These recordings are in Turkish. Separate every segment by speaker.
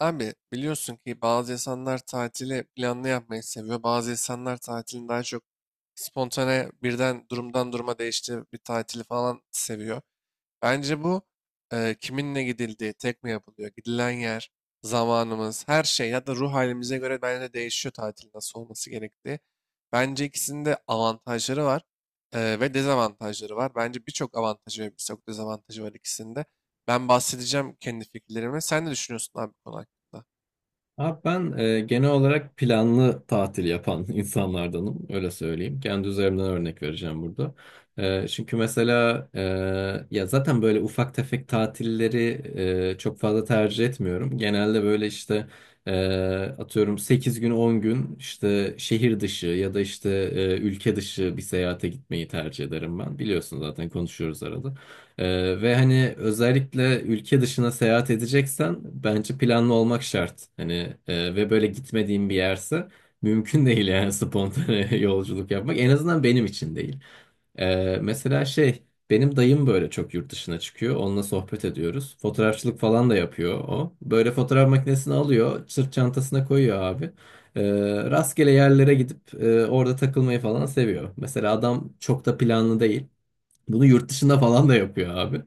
Speaker 1: Abi biliyorsun ki bazı insanlar tatili planlı yapmayı seviyor. Bazı insanlar tatilin daha çok spontane birden durumdan duruma değiştiği bir tatili falan seviyor. Bence bu kiminle gidildiği, tek mi yapılıyor, gidilen yer, zamanımız, her şey ya da ruh halimize göre bence de değişiyor tatil nasıl olması gerektiği. Bence ikisinin de avantajları var ve dezavantajları var. Bence birçok avantajı ve birçok dezavantajı var ikisinde. Ben bahsedeceğim kendi fikirlerimi. Sen ne düşünüyorsun abi bu konu hakkında?
Speaker 2: Abi ben genel olarak planlı tatil yapan insanlardanım, öyle söyleyeyim. Kendi üzerimden örnek vereceğim burada. Çünkü mesela ya zaten böyle ufak tefek tatilleri çok fazla tercih etmiyorum. Genelde böyle işte e, atıyorum 8 gün 10 gün işte şehir dışı ya da işte ülke dışı bir seyahate gitmeyi tercih ederim ben. Biliyorsun zaten konuşuyoruz arada. Ve hani özellikle ülke dışına seyahat edeceksen bence planlı olmak şart. Hani ve böyle gitmediğim bir yerse mümkün değil yani spontane yolculuk yapmak. En azından benim için değil. Mesela şey benim dayım böyle çok yurt dışına çıkıyor. Onunla sohbet ediyoruz. Fotoğrafçılık falan da yapıyor o. Böyle fotoğraf makinesini alıyor, sırt çantasına koyuyor abi. Ee, Rastgele yerlere gidip orada takılmayı falan seviyor. Mesela adam çok da planlı değil. Bunu yurt dışında falan da yapıyor abi.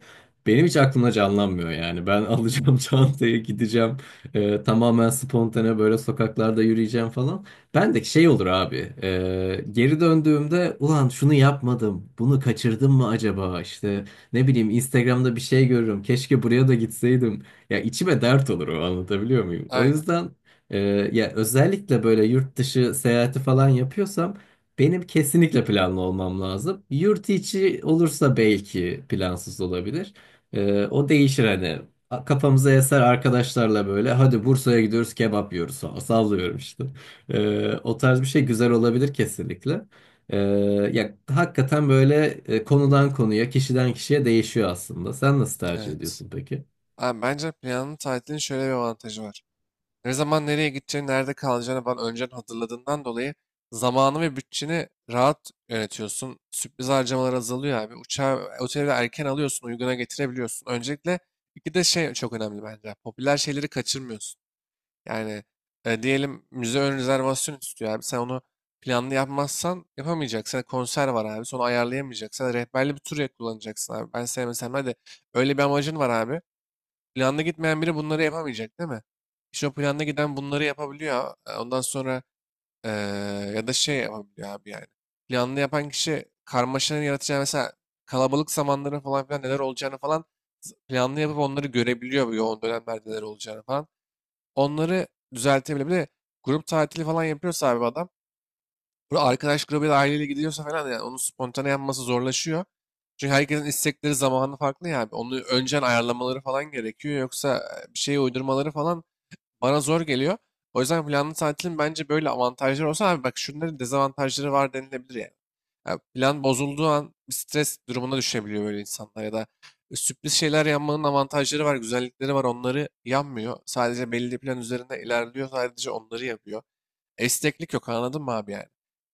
Speaker 2: Benim hiç aklımda canlanmıyor yani. Ben alacağım çantayı gideceğim. Tamamen spontane böyle sokaklarda yürüyeceğim falan. Ben de şey olur abi. Geri döndüğümde ulan şunu yapmadım. Bunu kaçırdım mı acaba? İşte ne bileyim Instagram'da bir şey görürüm. Keşke buraya da gitseydim. Ya içime dert olur o, anlatabiliyor muyum? O
Speaker 1: Aynen.
Speaker 2: yüzden e, ya özellikle böyle yurt dışı seyahati falan yapıyorsam benim kesinlikle planlı olmam lazım. Yurt içi olursa belki plansız olabilir. O değişir hani. Kafamıza eser arkadaşlarla böyle hadi Bursa'ya gidiyoruz kebap yiyoruz falan. Sallıyorum işte. O tarz bir şey güzel olabilir kesinlikle. Ee, Ya hakikaten böyle konudan konuya, kişiden kişiye değişiyor aslında. Sen nasıl tercih
Speaker 1: Evet.
Speaker 2: ediyorsun peki?
Speaker 1: Abi bence planlı tatilin şöyle bir avantajı var. Ne zaman nereye gideceğini, nerede kalacağını falan önceden hazırladığından dolayı zamanı ve bütçeni rahat yönetiyorsun. Sürpriz harcamalar azalıyor abi. Uçağı, oteli de erken alıyorsun, uyguna getirebiliyorsun. Öncelikle iki de şey çok önemli bence. Popüler şeyleri kaçırmıyorsun. Yani diyelim müze ön rezervasyon istiyor abi. Sen onu planlı yapmazsan yapamayacaksın. Yani konser var abi. Sonra ayarlayamayacaksın. Rehberli bir tur kullanacaksın abi. Ben sevmesem de öyle bir amacın var abi. Planlı gitmeyen biri bunları yapamayacak değil mi? İşte o planlı giden bunları yapabiliyor. E, ondan sonra e, ya da şey yapabiliyor abi yani. Planlı yapan kişi karmaşanın yaratacağı mesela kalabalık zamanların falan filan neler olacağını falan planlı yapıp onları görebiliyor bu yoğun dönemlerde neler olacağını falan. Onları düzeltebilir. Bir de grup tatili falan yapıyorsa abi bu adam burada arkadaş grubuyla aileyle gidiyorsa falan yani onun spontane yapması zorlaşıyor. Çünkü herkesin istekleri zamanı farklı ya abi. Onu önceden ayarlamaları falan gerekiyor. Yoksa bir şeye uydurmaları falan bana zor geliyor. O yüzden planlı tatilin bence böyle avantajları olsa abi bak şunların dezavantajları var denilebilir yani. Ya plan bozulduğu an bir stres durumuna düşebiliyor böyle insanlar ya da sürpriz şeyler yapmanın avantajları var, güzellikleri var. Onları yanmıyor. Sadece belli plan üzerinde ilerliyor. Sadece onları yapıyor. Esneklik yok anladın mı abi yani?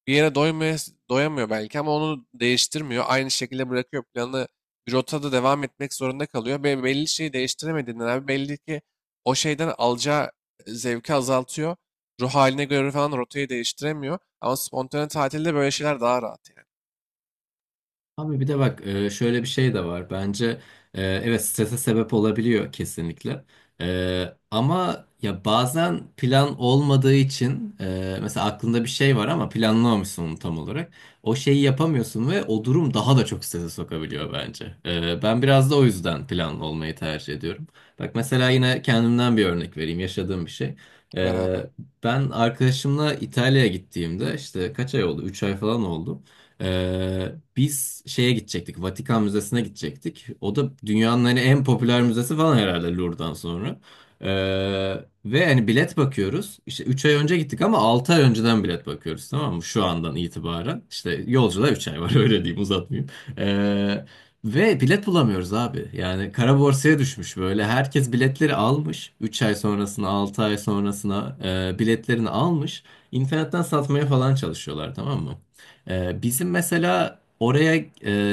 Speaker 1: Bir yere doymuyor, doyamıyor belki ama onu değiştirmiyor. Aynı şekilde bırakıyor planı bir rotada devam etmek zorunda kalıyor. Ve belli şeyi değiştiremediğinden abi belli ki o şeyden alacağı zevki azaltıyor. Ruh haline göre falan rotayı değiştiremiyor. Ama spontane tatilde böyle şeyler daha rahat yani.
Speaker 2: Abi bir de bak şöyle bir şey de var. Bence evet strese sebep olabiliyor kesinlikle. Ama ya bazen plan olmadığı için mesela aklında bir şey var ama planlamamışsın onu tam olarak. O şeyi yapamıyorsun ve o durum daha da çok strese sokabiliyor bence. Ben biraz da o yüzden planlı olmayı tercih ediyorum. Bak mesela yine kendimden bir örnek vereyim yaşadığım bir şey.
Speaker 1: Ver abi.
Speaker 2: E, Ben arkadaşımla İtalya'ya gittiğimde işte kaç ay oldu? 3 ay falan oldu. Ee, Biz şeye gidecektik. Vatikan Müzesi'ne gidecektik. O da dünyanın hani en popüler müzesi falan herhalde Louvre'dan sonra. Ee, Ve hani bilet bakıyoruz. İşte 3 ay önce gittik ama 6 ay önceden bilet bakıyoruz, tamam mı? Şu andan itibaren. İşte yolculuğa 3 ay var, öyle diyeyim uzatmayayım. Ee, Ve bilet bulamıyoruz abi. Yani kara borsaya düşmüş böyle. Herkes biletleri almış. 3 ay sonrasına, 6 ay sonrasına biletlerini almış. İnternetten satmaya falan çalışıyorlar, tamam mı? Bizim mesela oraya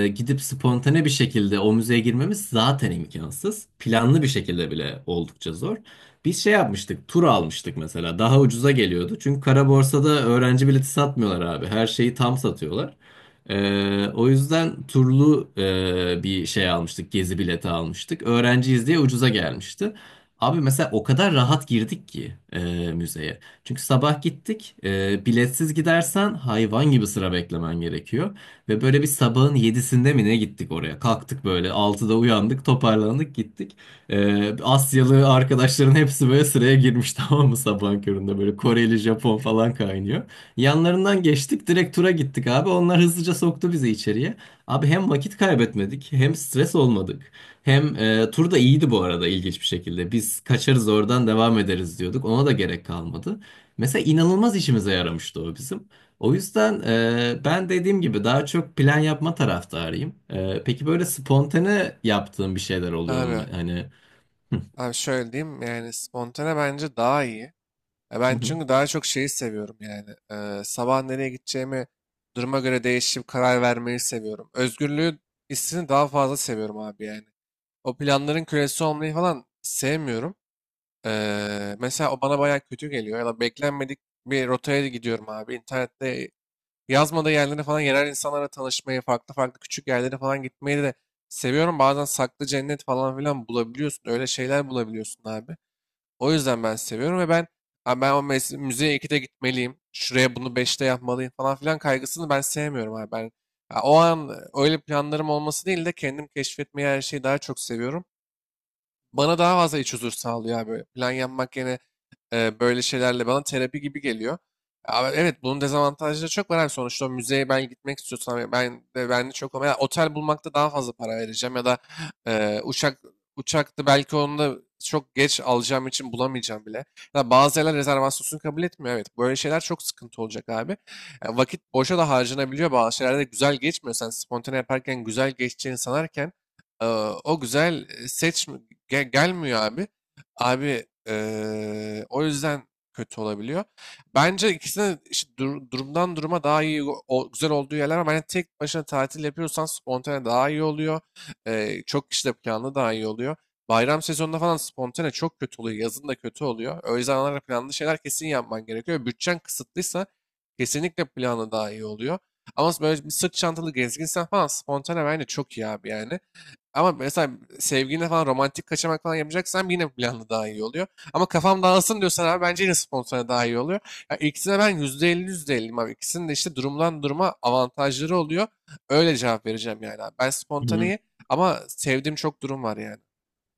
Speaker 2: gidip spontane bir şekilde o müzeye girmemiz zaten imkansız. Planlı bir şekilde bile oldukça zor. Biz şey yapmıştık, tur almıştık mesela. Daha ucuza geliyordu. Çünkü kara borsada öğrenci bileti satmıyorlar abi. Her şeyi tam satıyorlar. O yüzden turlu bir şey almıştık, gezi bileti almıştık. Öğrenciyiz diye ucuza gelmişti. Abi mesela o kadar rahat girdik ki müzeye. Çünkü sabah gittik. Biletsiz gidersen hayvan gibi sıra beklemen gerekiyor. Ve böyle bir sabahın yedisinde mi ne gittik oraya? Kalktık böyle altıda uyandık, toparlandık gittik. Asyalı arkadaşların hepsi böyle sıraya girmiş, tamam mı, sabahın köründe böyle Koreli, Japon falan kaynıyor. Yanlarından geçtik, direkt tura gittik abi. Onlar hızlıca soktu bizi içeriye. Abi hem vakit kaybetmedik hem stres olmadık. Hem tur da iyiydi bu arada, ilginç bir şekilde. Biz kaçarız oradan devam ederiz diyorduk. Ona da gerek kalmadı. Mesela inanılmaz işimize yaramıştı o bizim. O yüzden ben dediğim gibi daha çok plan yapma taraftarıyım. Peki böyle spontane yaptığın bir şeyler oluyor mu?
Speaker 1: Abi,
Speaker 2: Hani.
Speaker 1: abi, şöyle diyeyim yani spontane bence daha iyi. Ya
Speaker 2: Hı
Speaker 1: ben
Speaker 2: hı.
Speaker 1: çünkü daha çok şeyi seviyorum yani. Sabah nereye gideceğimi duruma göre değişip karar vermeyi seviyorum. Özgürlüğü hissini daha fazla seviyorum abi yani. O planların kölesi olmayı falan sevmiyorum. Mesela o bana bayağı kötü geliyor. Ya da beklenmedik bir rotaya gidiyorum abi. İnternette yazmadığı yerlere falan yerel insanlara tanışmayı, farklı farklı küçük yerlere falan gitmeyi de seviyorum. Bazen saklı cennet falan filan bulabiliyorsun. Öyle şeyler bulabiliyorsun abi. O yüzden ben seviyorum ve ben "Abi ben o müziğe 2'de gitmeliyim. Şuraya bunu beşte yapmalıyım falan filan kaygısını ben sevmiyorum abi." Ben ya o an öyle planlarım olması değil de kendim keşfetmeyi her şeyi daha çok seviyorum. Bana daha fazla iç huzur sağlıyor abi. Böyle plan yapmak yerine böyle şeylerle bana terapi gibi geliyor. Ama evet bunun dezavantajları çok var abi. Sonuçta o müzeye ben gitmek istiyorsam ben de çok ama ya otel bulmakta daha fazla para vereceğim ya da e, uçak uçakta belki onu da çok geç alacağım için bulamayacağım bile. Ya da bazı yerler rezervasyonsuz kabul etmiyor. Evet böyle şeyler çok sıkıntı olacak abi. Ya vakit boşa da harcanabiliyor. Bazı şeylerde de güzel geçmiyor. Sen spontane yaparken güzel geçeceğini sanarken e, o güzel e, seç gelmiyor abi. Abi o yüzden kötü olabiliyor. Bence ikisine işte durumdan duruma daha iyi güzel olduğu yerler var. Yani tek başına tatil yapıyorsan spontane daha iyi oluyor. Çok kişi de planlı daha iyi oluyor. Bayram sezonunda falan spontane çok kötü oluyor. Yazın da kötü oluyor. Öyle zamanlarda planlı şeyler kesin yapman gerekiyor. Bütçen kısıtlıysa kesinlikle planlı daha iyi oluyor. Ama böyle bir sırt çantalı gezginsen falan spontane bence çok iyi abi yani. Ama mesela sevgiline falan romantik kaçamak falan yapacaksan yine planlı daha iyi oluyor. Ama kafam dağılsın diyorsan abi bence yine spontane daha iyi oluyor. Ya ikisine ben %50 %50'yim abi. İkisinin de işte durumdan duruma avantajları oluyor. Öyle cevap vereceğim yani abi. Ben
Speaker 2: Hı.
Speaker 1: spontaneyi ama sevdiğim çok durum var yani.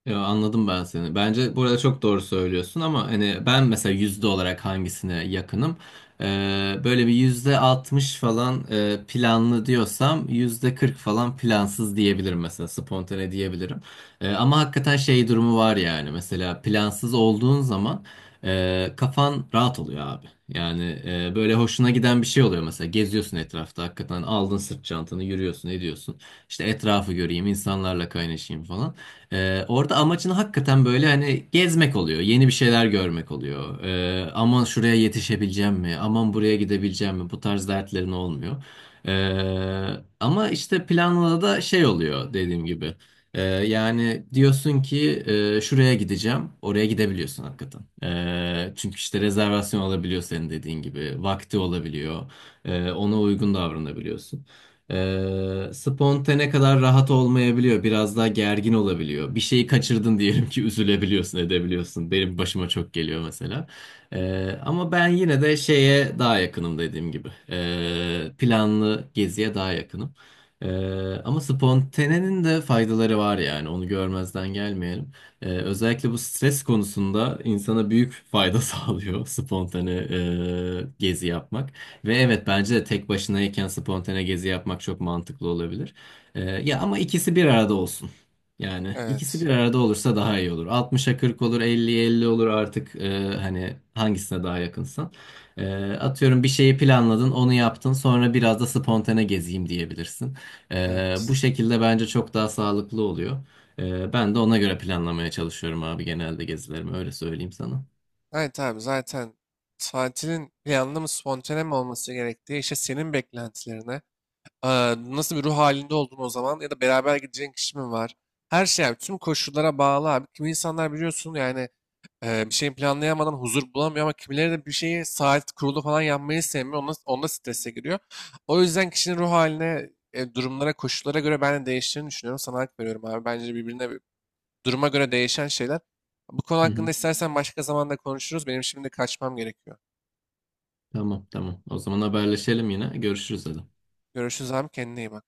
Speaker 2: Yo, anladım ben seni. Bence burada çok doğru söylüyorsun ama hani ben mesela yüzde olarak hangisine yakınım? Böyle bir %60 falan planlı diyorsam %40 falan plansız diyebilirim mesela, spontane diyebilirim. Ama hakikaten şey durumu var yani, mesela plansız olduğun zaman kafan rahat oluyor abi. Yani böyle hoşuna giden bir şey oluyor, mesela geziyorsun etrafta, hakikaten aldın sırt çantanı yürüyorsun ediyorsun. İşte etrafı göreyim, insanlarla kaynaşayım falan. Orada amacın hakikaten böyle hani gezmek oluyor, yeni bir şeyler görmek oluyor. Aman şuraya yetişebileceğim mi? Aman buraya gidebileceğim mi? Bu tarz dertlerin olmuyor. Ama işte planla da şey oluyor dediğim gibi. Yani diyorsun ki şuraya gideceğim, oraya gidebiliyorsun hakikaten. Çünkü işte rezervasyon alabiliyor senin dediğin gibi, vakti olabiliyor. Ona uygun davranabiliyorsun. Spontane kadar rahat olmayabiliyor. Biraz daha gergin olabiliyor. Bir şeyi kaçırdın diyelim ki, üzülebiliyorsun, edebiliyorsun. Benim başıma çok geliyor mesela. Ama ben yine de şeye daha yakınım dediğim gibi. Planlı geziye daha yakınım. Ama spontanenin de faydaları var yani. Onu görmezden gelmeyelim. Özellikle bu stres konusunda insana büyük fayda sağlıyor spontane gezi yapmak. Ve evet, bence de tek başınayken spontane gezi yapmak çok mantıklı olabilir. Ya ama ikisi bir arada olsun. Yani ikisi
Speaker 1: Evet.
Speaker 2: bir arada olursa daha iyi olur. 60'a 40 olur, 50'ye 50 olur artık hani hangisine daha yakınsan. Atıyorum bir şeyi planladın, onu yaptın, sonra biraz da spontane gezeyim diyebilirsin. Bu
Speaker 1: Evet.
Speaker 2: şekilde bence çok daha sağlıklı oluyor. Ben de ona göre planlamaya çalışıyorum abi, genelde gezilerimi, öyle söyleyeyim sana.
Speaker 1: Evet abi zaten tatilin planlı mı spontane mi olması gerektiği işte senin beklentilerine nasıl bir ruh halinde oldun o zaman ya da beraber gideceğin kişi mi var? Her şey abi tüm koşullara bağlı abi. Kimi insanlar biliyorsun yani bir şeyin planlayamadan huzur bulamıyor ama kimileri de bir şeyi saat kurulu falan yapmayı sevmiyor. Onda strese giriyor. O yüzden kişinin ruh haline, durumlara, koşullara göre ben de değiştiğini düşünüyorum. Sana hak veriyorum abi. Bence birbirine duruma göre değişen şeyler. Bu konu
Speaker 2: Hı hı.
Speaker 1: hakkında istersen başka zamanda konuşuruz. Benim şimdi kaçmam gerekiyor.
Speaker 2: Tamam tamam. O zaman haberleşelim yine. Görüşürüz dedim.
Speaker 1: Görüşürüz abi, kendine iyi bak.